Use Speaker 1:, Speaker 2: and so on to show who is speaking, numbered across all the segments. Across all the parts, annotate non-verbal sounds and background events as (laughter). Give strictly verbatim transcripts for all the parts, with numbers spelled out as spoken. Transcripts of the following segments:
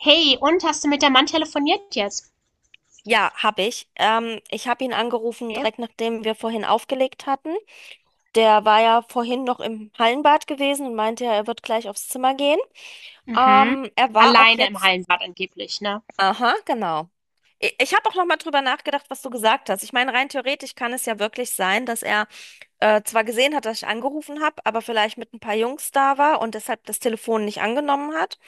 Speaker 1: Hey, und hast du mit der Mann telefoniert jetzt?
Speaker 2: Ja, habe ich. Ähm, ich habe ihn angerufen,
Speaker 1: Okay.
Speaker 2: direkt nachdem wir vorhin aufgelegt hatten. Der war ja vorhin noch im Hallenbad gewesen und meinte ja, er wird gleich aufs Zimmer gehen.
Speaker 1: Mhm.
Speaker 2: Ähm, er war auch
Speaker 1: Alleine im
Speaker 2: jetzt.
Speaker 1: Hallenbad angeblich, ne?
Speaker 2: Aha, genau. I- Ich habe auch noch mal drüber nachgedacht, was du gesagt hast. Ich meine, rein theoretisch kann es ja wirklich sein, dass er äh, zwar gesehen hat, dass ich angerufen habe, aber vielleicht mit ein paar Jungs da war und deshalb das Telefon nicht angenommen hat.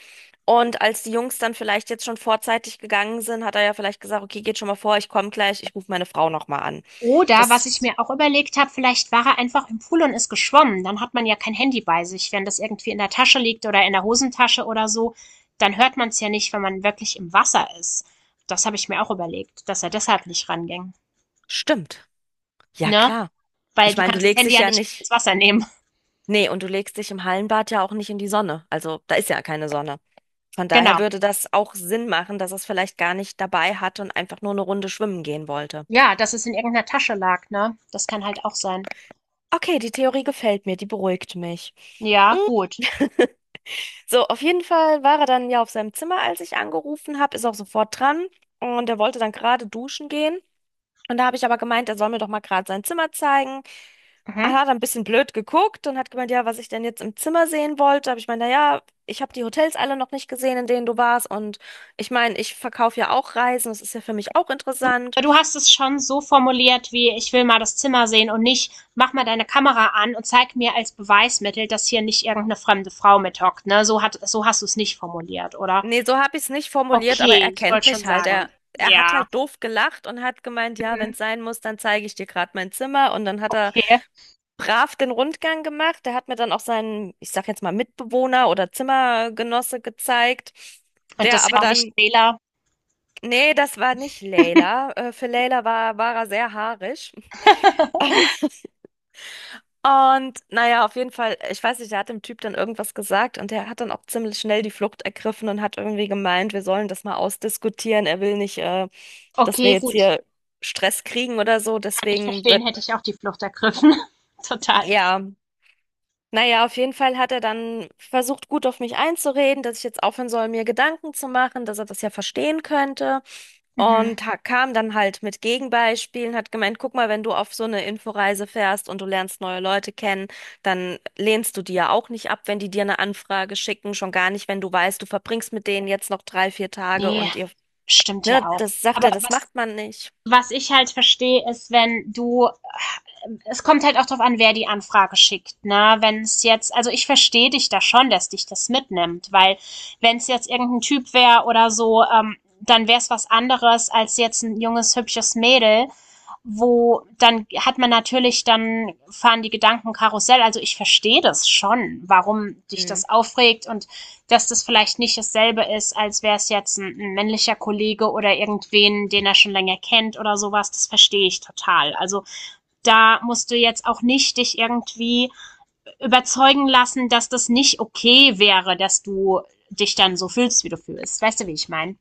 Speaker 2: Und als die Jungs dann vielleicht jetzt schon vorzeitig gegangen sind, hat er ja vielleicht gesagt, okay, geht schon mal vor, ich komme gleich, ich rufe meine Frau nochmal an.
Speaker 1: Oder
Speaker 2: Das
Speaker 1: was ich mir auch überlegt habe, vielleicht war er einfach im Pool und ist geschwommen. Dann hat man ja kein Handy bei sich. Wenn das irgendwie in der Tasche liegt oder in der Hosentasche oder so, dann hört man es ja nicht, wenn man wirklich im Wasser ist. Das habe ich mir auch überlegt, dass er deshalb nicht ranging.
Speaker 2: stimmt. Ja,
Speaker 1: Ne?
Speaker 2: klar.
Speaker 1: Weil
Speaker 2: Ich
Speaker 1: du
Speaker 2: meine, du
Speaker 1: kannst das
Speaker 2: legst
Speaker 1: Handy
Speaker 2: dich
Speaker 1: ja
Speaker 2: ja
Speaker 1: nicht mit ins
Speaker 2: nicht,
Speaker 1: Wasser nehmen.
Speaker 2: nee, und du legst dich im Hallenbad ja auch nicht in die Sonne. Also da ist ja keine Sonne. Von
Speaker 1: (laughs)
Speaker 2: daher
Speaker 1: Genau.
Speaker 2: würde das auch Sinn machen, dass er es vielleicht gar nicht dabei hatte und einfach nur eine Runde schwimmen gehen wollte.
Speaker 1: Ja, dass es in irgendeiner Tasche lag, ne? Das kann halt auch sein.
Speaker 2: Okay, die Theorie gefällt mir, die beruhigt mich. (laughs)
Speaker 1: Ja,
Speaker 2: Mm.
Speaker 1: gut.
Speaker 2: So, auf jeden Fall war er dann ja auf seinem Zimmer, als ich angerufen habe, ist auch sofort dran und er wollte dann gerade duschen gehen. Und da habe ich aber gemeint, er soll mir doch mal gerade sein Zimmer zeigen. Er
Speaker 1: Mhm.
Speaker 2: hat ein bisschen blöd geguckt und hat gemeint, ja, was ich denn jetzt im Zimmer sehen wollte. Habe ich gemeint, naja, ich habe die Hotels alle noch nicht gesehen, in denen du warst. Und ich meine, ich verkaufe ja auch Reisen, das ist ja für mich auch
Speaker 1: Du,
Speaker 2: interessant.
Speaker 1: du hast es schon so formuliert wie ich will mal das Zimmer sehen und nicht mach mal deine Kamera an und zeig mir als Beweismittel, dass hier nicht irgendeine fremde Frau mithockt, ne? So hat, so hast du es nicht formuliert, oder?
Speaker 2: Nee, so habe ich es nicht formuliert, aber
Speaker 1: Okay,
Speaker 2: er
Speaker 1: ich
Speaker 2: kennt
Speaker 1: wollte schon
Speaker 2: mich halt.
Speaker 1: sagen.
Speaker 2: Er, er hat
Speaker 1: Ja.
Speaker 2: halt doof gelacht und hat gemeint, ja, wenn
Speaker 1: Mhm.
Speaker 2: es sein muss, dann zeige ich dir gerade mein Zimmer. Und dann hat er
Speaker 1: Okay.
Speaker 2: brav den Rundgang gemacht. Der hat mir dann auch seinen, ich sag jetzt mal, Mitbewohner oder Zimmergenosse gezeigt,
Speaker 1: Und
Speaker 2: der
Speaker 1: das
Speaker 2: aber
Speaker 1: war nicht
Speaker 2: dann,
Speaker 1: Wähler.
Speaker 2: nee, das war nicht Leila. Äh, Für Leila war, war er sehr haarig. (laughs)
Speaker 1: (laughs)
Speaker 2: Ähm, Und naja, auf jeden Fall, ich weiß nicht, der hat dem Typ dann irgendwas gesagt und der hat dann auch ziemlich schnell die Flucht ergriffen und hat irgendwie gemeint, wir sollen das mal ausdiskutieren. Er will nicht, äh, dass wir
Speaker 1: Okay,
Speaker 2: jetzt
Speaker 1: gut.
Speaker 2: hier Stress kriegen oder so.
Speaker 1: Kann ich
Speaker 2: Deswegen
Speaker 1: verstehen,
Speaker 2: wird,
Speaker 1: hätte ich auch die Flucht ergriffen. (laughs) Total.
Speaker 2: ja, naja, auf jeden Fall hat er dann versucht, gut auf mich einzureden, dass ich jetzt aufhören soll, mir Gedanken zu machen, dass er das ja verstehen könnte.
Speaker 1: Mhm.
Speaker 2: Und ha- kam dann halt mit Gegenbeispielen, hat gemeint, guck mal, wenn du auf so eine Inforeise fährst und du lernst neue Leute kennen, dann lehnst du die ja auch nicht ab, wenn die dir eine Anfrage schicken, schon gar nicht, wenn du weißt, du verbringst mit denen jetzt noch drei, vier Tage
Speaker 1: Nee,
Speaker 2: und ihr,
Speaker 1: stimmt ja
Speaker 2: ne,
Speaker 1: auch.
Speaker 2: das sagt
Speaker 1: Aber
Speaker 2: er, das
Speaker 1: was
Speaker 2: macht man nicht.
Speaker 1: was ich halt verstehe, ist, wenn du, es kommt halt auch drauf an, wer die Anfrage schickt, ne? Wenn es jetzt, also ich verstehe dich da schon, dass dich das mitnimmt, weil wenn es jetzt irgendein Typ wäre oder so, ähm, dann wäre es was anderes als jetzt ein junges, hübsches Mädel, wo dann hat man natürlich, dann fahren die Gedanken Karussell. Also ich verstehe das schon, warum dich das aufregt und dass das vielleicht nicht dasselbe ist, als wäre es jetzt ein, ein männlicher Kollege oder irgendwen, den er schon länger kennt oder sowas, das verstehe ich total. Also da musst du jetzt auch nicht dich irgendwie überzeugen lassen, dass das nicht okay wäre, dass du dich dann so fühlst, wie du fühlst. Weißt du, wie ich meine?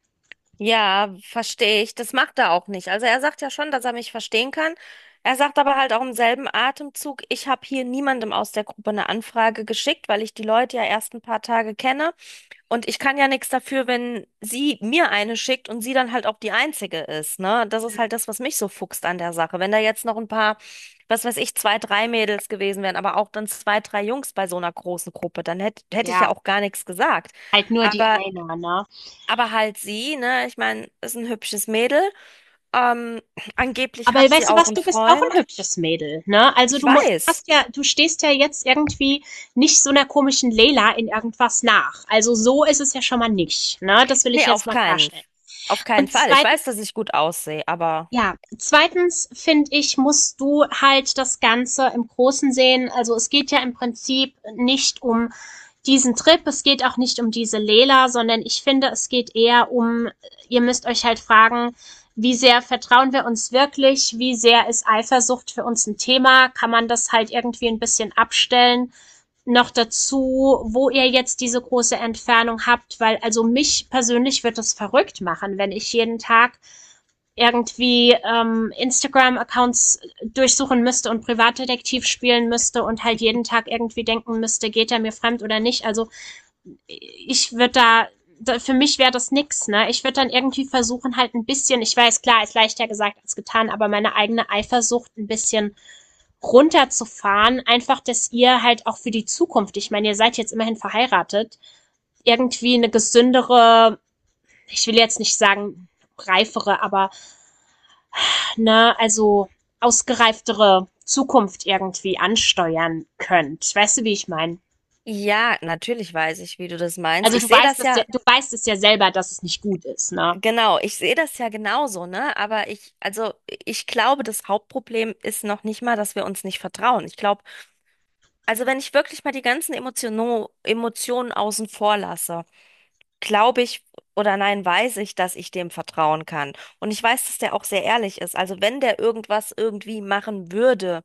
Speaker 2: Ja, verstehe ich. Das macht er auch nicht. Also er sagt ja schon, dass er mich verstehen kann. Er sagt aber halt auch im selben Atemzug, ich habe hier niemandem aus der Gruppe eine Anfrage geschickt, weil ich die Leute ja erst ein paar Tage kenne. Und ich kann ja nichts dafür, wenn sie mir eine schickt und sie dann halt auch die einzige ist, ne? Das ist halt das, was mich so fuchst an der Sache. Wenn da jetzt noch ein paar, was weiß ich, zwei, drei Mädels gewesen wären, aber auch dann zwei, drei Jungs bei so einer großen Gruppe, dann hätte hätte ich
Speaker 1: Ja,
Speaker 2: ja auch gar nichts gesagt.
Speaker 1: halt nur die
Speaker 2: Aber
Speaker 1: eine, ne?
Speaker 2: aber halt sie, ne? Ich meine, ist ein hübsches Mädel. Ähm, Angeblich
Speaker 1: Aber
Speaker 2: hat sie
Speaker 1: weißt du
Speaker 2: auch
Speaker 1: was,
Speaker 2: einen
Speaker 1: du bist auch ein
Speaker 2: Freund.
Speaker 1: hübsches Mädel, ne? Also
Speaker 2: Ich
Speaker 1: du mu-
Speaker 2: weiß.
Speaker 1: hast ja, du stehst ja jetzt irgendwie nicht so einer komischen Leila in irgendwas nach. Also so ist es ja schon mal nicht, ne? Das will ich
Speaker 2: Nee,
Speaker 1: jetzt
Speaker 2: auf
Speaker 1: mal
Speaker 2: keinen,
Speaker 1: klarstellen.
Speaker 2: auf keinen
Speaker 1: Und
Speaker 2: Fall. Ich weiß,
Speaker 1: zweitens,
Speaker 2: dass ich gut aussehe, aber
Speaker 1: ja, zweitens finde ich, musst du halt das Ganze im Großen sehen. Also es geht ja im Prinzip nicht um diesen Trip, es geht auch nicht um diese Lela, sondern ich finde, es geht eher um, ihr müsst euch halt fragen, wie sehr vertrauen wir uns wirklich, wie sehr ist Eifersucht für uns ein Thema, kann man das halt irgendwie ein bisschen abstellen. Noch dazu, wo ihr jetzt diese große Entfernung habt, weil also mich persönlich wird das verrückt machen, wenn ich jeden Tag irgendwie ähm, Instagram-Accounts durchsuchen müsste und Privatdetektiv spielen müsste und halt jeden Tag irgendwie denken müsste, geht er mir fremd oder nicht. Also ich würde da, da, für mich wäre das nix, ne? Ich würde dann irgendwie versuchen, halt ein bisschen, ich weiß, klar, ist leichter gesagt als getan, aber meine eigene Eifersucht ein bisschen runterzufahren, einfach, dass ihr halt auch für die Zukunft, ich meine, ihr seid jetzt immerhin verheiratet, irgendwie eine gesündere, ich will jetzt nicht sagen reifere, aber na, also ausgereiftere Zukunft irgendwie ansteuern könnt. Weißt du, wie ich meine?
Speaker 2: ja, natürlich weiß ich, wie du das meinst.
Speaker 1: Also
Speaker 2: Ich
Speaker 1: du
Speaker 2: sehe
Speaker 1: weißt
Speaker 2: das
Speaker 1: das ja,
Speaker 2: ja,
Speaker 1: du weißt es ja selber, dass es nicht gut ist, ne?
Speaker 2: genau, ich sehe das ja genauso, ne? Aber ich, also, ich glaube, das Hauptproblem ist noch nicht mal, dass wir uns nicht vertrauen. Ich glaube, also wenn ich wirklich mal die ganzen Emotionen, Emotionen außen vor lasse, glaube ich oder nein, weiß ich, dass ich dem vertrauen kann. Und ich weiß, dass der auch sehr ehrlich ist. Also wenn der irgendwas irgendwie machen würde,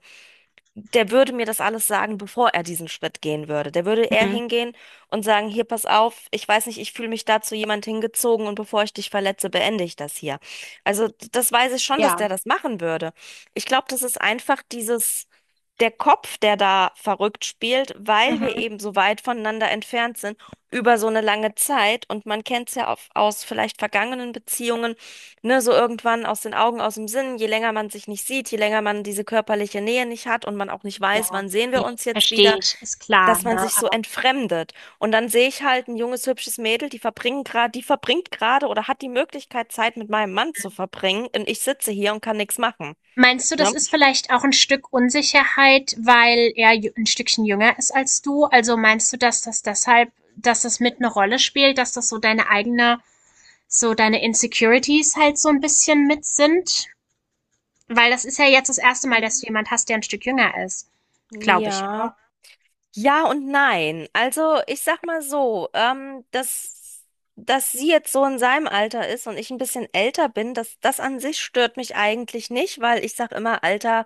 Speaker 2: der würde mir das alles sagen, bevor er diesen Schritt gehen würde. Der würde eher
Speaker 1: Mhm.
Speaker 2: hingehen und sagen, hier, pass auf, ich weiß nicht, ich fühle mich da zu jemand hingezogen und bevor ich dich verletze, beende ich das hier. Also d- das weiß ich schon, dass
Speaker 1: Ja.
Speaker 2: der das machen würde. Ich glaube, das ist einfach dieses, der Kopf, der da verrückt spielt, weil wir
Speaker 1: Mhm.
Speaker 2: eben so weit voneinander entfernt sind über so eine lange Zeit und man kennt es ja auf, aus vielleicht vergangenen Beziehungen, ne, so irgendwann aus den Augen, aus dem Sinn, je länger man sich nicht sieht, je länger man diese körperliche Nähe nicht hat und man auch nicht weiß,
Speaker 1: Ja.
Speaker 2: wann sehen
Speaker 1: Nee,
Speaker 2: wir uns jetzt
Speaker 1: verstehe
Speaker 2: wieder,
Speaker 1: ich, ist klar,
Speaker 2: dass man
Speaker 1: ne?
Speaker 2: sich so
Speaker 1: Aber
Speaker 2: entfremdet. Und dann sehe ich halt ein junges, hübsches Mädel, die verbringen gerade, die verbringt gerade oder hat die Möglichkeit, Zeit mit meinem Mann zu verbringen und ich sitze hier und kann nichts machen.
Speaker 1: meinst du, das
Speaker 2: Ne?
Speaker 1: ist vielleicht auch ein Stück Unsicherheit, weil er jü- ein Stückchen jünger ist als du? Also meinst du, dass das deshalb, dass das mit eine Rolle spielt, dass das so deine eigene, so deine Insecurities halt so ein bisschen mit sind? Weil das ist ja jetzt das erste Mal, dass du jemand hast, der ein Stück jünger ist. Glaube ich,
Speaker 2: Ja.
Speaker 1: oder?
Speaker 2: Ja und nein. Also ich sag mal so, ähm, dass, dass, sie jetzt so in seinem Alter ist und ich ein bisschen älter bin, das, das an sich stört mich eigentlich nicht, weil ich sag immer, Alter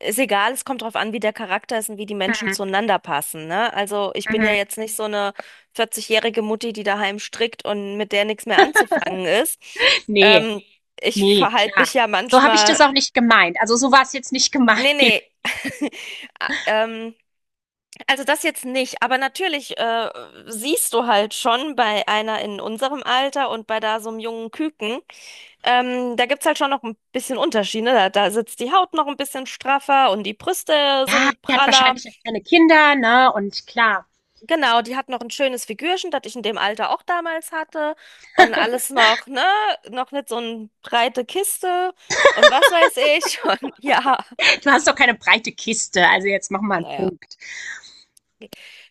Speaker 2: ist egal, es kommt drauf an, wie der Charakter ist und wie die Menschen
Speaker 1: Mhm.
Speaker 2: zueinander passen, ne? Also ich bin ja
Speaker 1: Mhm.
Speaker 2: jetzt nicht so eine vierzig-jährige Mutti, die daheim strickt und mit der nichts mehr anzufangen ist.
Speaker 1: Nee,
Speaker 2: Ähm, Ich
Speaker 1: nee,
Speaker 2: verhalte
Speaker 1: klar.
Speaker 2: mich ja
Speaker 1: So habe ich das
Speaker 2: manchmal.
Speaker 1: auch nicht gemeint. Also so war es jetzt nicht gemeint.
Speaker 2: Nee, nee.
Speaker 1: (laughs)
Speaker 2: (laughs) Ah, Ähm, also das jetzt nicht, aber natürlich äh, siehst du halt schon bei einer in unserem Alter und bei da so einem jungen Küken, ähm, da gibt's halt schon noch ein bisschen Unterschiede. Da, da sitzt die Haut noch ein bisschen straffer und die Brüste
Speaker 1: Ja,
Speaker 2: sind
Speaker 1: die hat
Speaker 2: praller.
Speaker 1: wahrscheinlich jetzt keine Kinder, ne? Und klar,
Speaker 2: Genau, die hat noch ein schönes Figürchen, das ich in dem Alter auch damals hatte und alles noch, ne, noch nicht so eine breite Kiste und was weiß ich (laughs) und ja,
Speaker 1: du hast doch keine breite Kiste. Also jetzt mach mal einen
Speaker 2: naja.
Speaker 1: Punkt.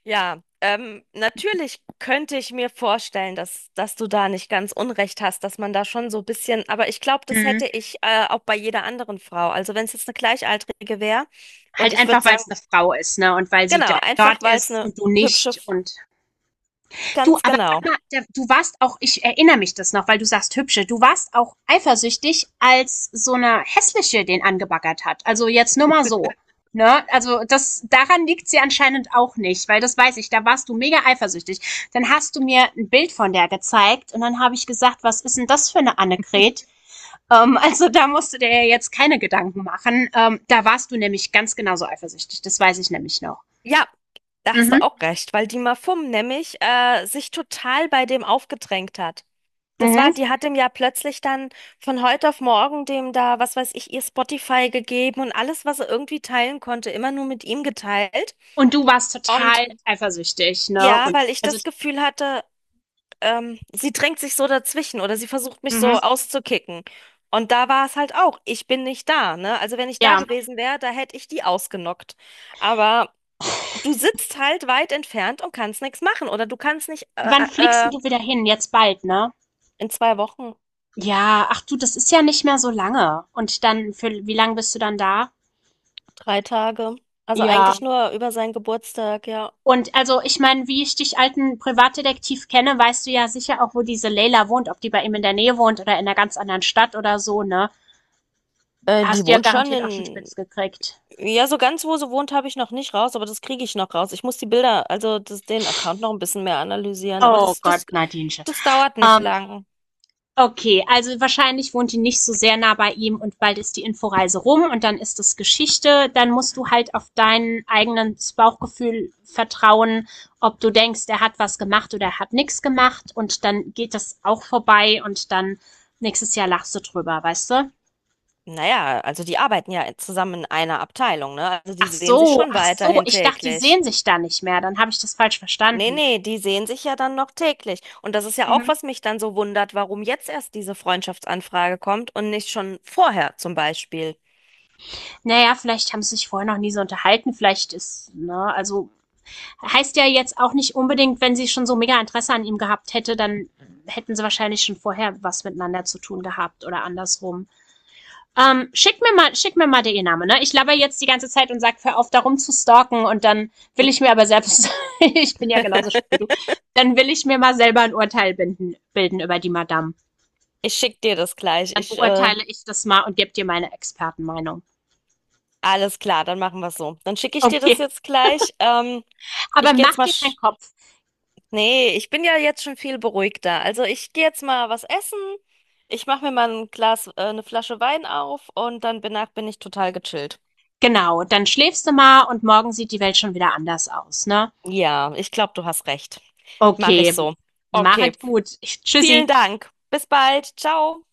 Speaker 2: Ja, ähm, natürlich könnte ich mir vorstellen, dass, dass du da nicht ganz unrecht hast, dass man da schon so ein bisschen, aber ich glaube, das
Speaker 1: Mhm.
Speaker 2: hätte ich äh, auch bei jeder anderen Frau. Also wenn es jetzt eine Gleichaltrige wäre und
Speaker 1: Halt
Speaker 2: ich würde
Speaker 1: einfach, weil
Speaker 2: sagen,
Speaker 1: es eine Frau ist, ne? Und weil sie
Speaker 2: genau,
Speaker 1: do-
Speaker 2: einfach
Speaker 1: dort
Speaker 2: weil es
Speaker 1: ist
Speaker 2: eine
Speaker 1: und du
Speaker 2: hübsche,
Speaker 1: nicht.
Speaker 2: F-
Speaker 1: Und du,
Speaker 2: ganz
Speaker 1: aber sag
Speaker 2: genau.
Speaker 1: mal, da- du warst auch, ich erinnere mich das noch, weil du sagst hübsche, du warst auch eifersüchtig, als so eine hässliche den angebaggert hat. Also jetzt nur mal so. Ne? Also das, daran liegt sie anscheinend auch nicht, weil das weiß ich, da warst du mega eifersüchtig. Dann hast du mir ein Bild von der gezeigt und dann habe ich gesagt, was ist denn das für eine Annegret? Ähm, (laughs) also da musst du dir ja jetzt keine Gedanken machen. Ähm, da warst du nämlich ganz genauso eifersüchtig, das weiß ich nämlich noch.
Speaker 2: Ja, da hast
Speaker 1: Mhm.
Speaker 2: du auch recht, weil die Mafum nämlich äh, sich total bei dem aufgedrängt hat. Das
Speaker 1: Mhm.
Speaker 2: war, die hat ihm ja plötzlich dann von heute auf morgen dem da, was weiß ich, ihr Spotify gegeben und alles, was er irgendwie teilen konnte, immer nur mit ihm geteilt.
Speaker 1: Und du warst
Speaker 2: Und
Speaker 1: total eifersüchtig, ne?
Speaker 2: ja,
Speaker 1: Und
Speaker 2: weil ich
Speaker 1: also,
Speaker 2: das Gefühl hatte, ähm, sie drängt sich so dazwischen oder sie versucht mich
Speaker 1: mhm,
Speaker 2: so auszukicken. Und da war es halt auch, ich bin nicht da, ne? Also wenn ich da
Speaker 1: ja.
Speaker 2: gewesen wäre, da hätte ich die ausgenockt. Aber du sitzt halt weit entfernt und kannst nichts machen oder du kannst nicht äh,
Speaker 1: Wann fliegst
Speaker 2: äh,
Speaker 1: denn
Speaker 2: äh,
Speaker 1: du wieder hin? Jetzt bald, ne?
Speaker 2: in zwei Wochen
Speaker 1: Ja, ach du, das ist ja nicht mehr so lange. Und dann, für wie lange bist du dann da?
Speaker 2: drei Tage. Also
Speaker 1: Ja.
Speaker 2: eigentlich nur über seinen Geburtstag, ja.
Speaker 1: Und also, ich meine, wie ich dich alten Privatdetektiv kenne, weißt du ja sicher auch, wo diese Leila wohnt, ob die bei ihm in der Nähe wohnt oder in einer ganz anderen Stadt oder so, ne?
Speaker 2: Äh, die
Speaker 1: Hast du ja
Speaker 2: wohnt schon
Speaker 1: garantiert auch schon
Speaker 2: in.
Speaker 1: spitz gekriegt.
Speaker 2: Ja, so ganz wo sie wohnt, habe ich noch nicht raus, aber das kriege ich noch raus. Ich muss die Bilder, also das, den Account noch ein bisschen mehr analysieren, aber
Speaker 1: Oh
Speaker 2: das, das,
Speaker 1: Gott, Nadinchen.
Speaker 2: das dauert nicht
Speaker 1: Ähm,
Speaker 2: lang.
Speaker 1: Okay, also wahrscheinlich wohnt die nicht so sehr nah bei ihm und bald ist die Inforeise rum und dann ist das Geschichte. Dann musst du halt auf dein eigenes Bauchgefühl vertrauen, ob du denkst, er hat was gemacht oder er hat nichts gemacht und dann geht das auch vorbei und dann nächstes Jahr lachst du drüber, weißt du?
Speaker 2: Naja, also die arbeiten ja zusammen in einer Abteilung, ne? Also die
Speaker 1: Ach
Speaker 2: sehen sich
Speaker 1: so,
Speaker 2: schon
Speaker 1: ach so,
Speaker 2: weiterhin
Speaker 1: ich dachte, die
Speaker 2: täglich.
Speaker 1: sehen sich da nicht mehr, dann habe ich das falsch
Speaker 2: Nee,
Speaker 1: verstanden.
Speaker 2: nee, die sehen sich ja dann noch täglich. Und das ist ja auch,
Speaker 1: Mhm.
Speaker 2: was mich dann so wundert, warum jetzt erst diese Freundschaftsanfrage kommt und nicht schon vorher zum Beispiel.
Speaker 1: Naja, vielleicht haben sie sich vorher noch nie so unterhalten, vielleicht ist, ne, also heißt ja jetzt auch nicht unbedingt, wenn sie schon so mega Interesse an ihm gehabt hätte, dann hätten sie wahrscheinlich schon vorher was miteinander zu tun gehabt oder andersrum. Ähm, schick mir mal, schick mir mal den Namen, ne? Ich laber jetzt die ganze Zeit und sag, hör auf, darum zu stalken und dann will ich mir aber selbst, (laughs) ich bin ja genauso schlimm wie
Speaker 2: (laughs)
Speaker 1: du, dann will ich mir mal selber ein Urteil binden, bilden über die Madame.
Speaker 2: Ich schick dir das gleich.
Speaker 1: Dann
Speaker 2: Ich, äh,
Speaker 1: beurteile ich das mal und gebe dir meine Expertenmeinung.
Speaker 2: alles klar, dann machen wir es so. Dann schicke ich dir das
Speaker 1: Okay,
Speaker 2: jetzt gleich. Ähm,
Speaker 1: aber
Speaker 2: ich gehe jetzt
Speaker 1: mach
Speaker 2: mal.
Speaker 1: dir keinen
Speaker 2: Sch
Speaker 1: Kopf.
Speaker 2: Nee, ich bin ja jetzt schon viel beruhigter. Also ich gehe jetzt mal was essen. Ich mache mir mal ein Glas, äh, eine Flasche Wein auf und dann danach bin ich total gechillt.
Speaker 1: Genau, dann schläfst du mal und morgen sieht die Welt schon wieder anders aus, ne?
Speaker 2: Ja, ich glaube, du hast recht. Mache ich
Speaker 1: Okay,
Speaker 2: so. Okay,
Speaker 1: machet gut.
Speaker 2: vielen
Speaker 1: Tschüssi.
Speaker 2: Dank. Bis bald. Ciao.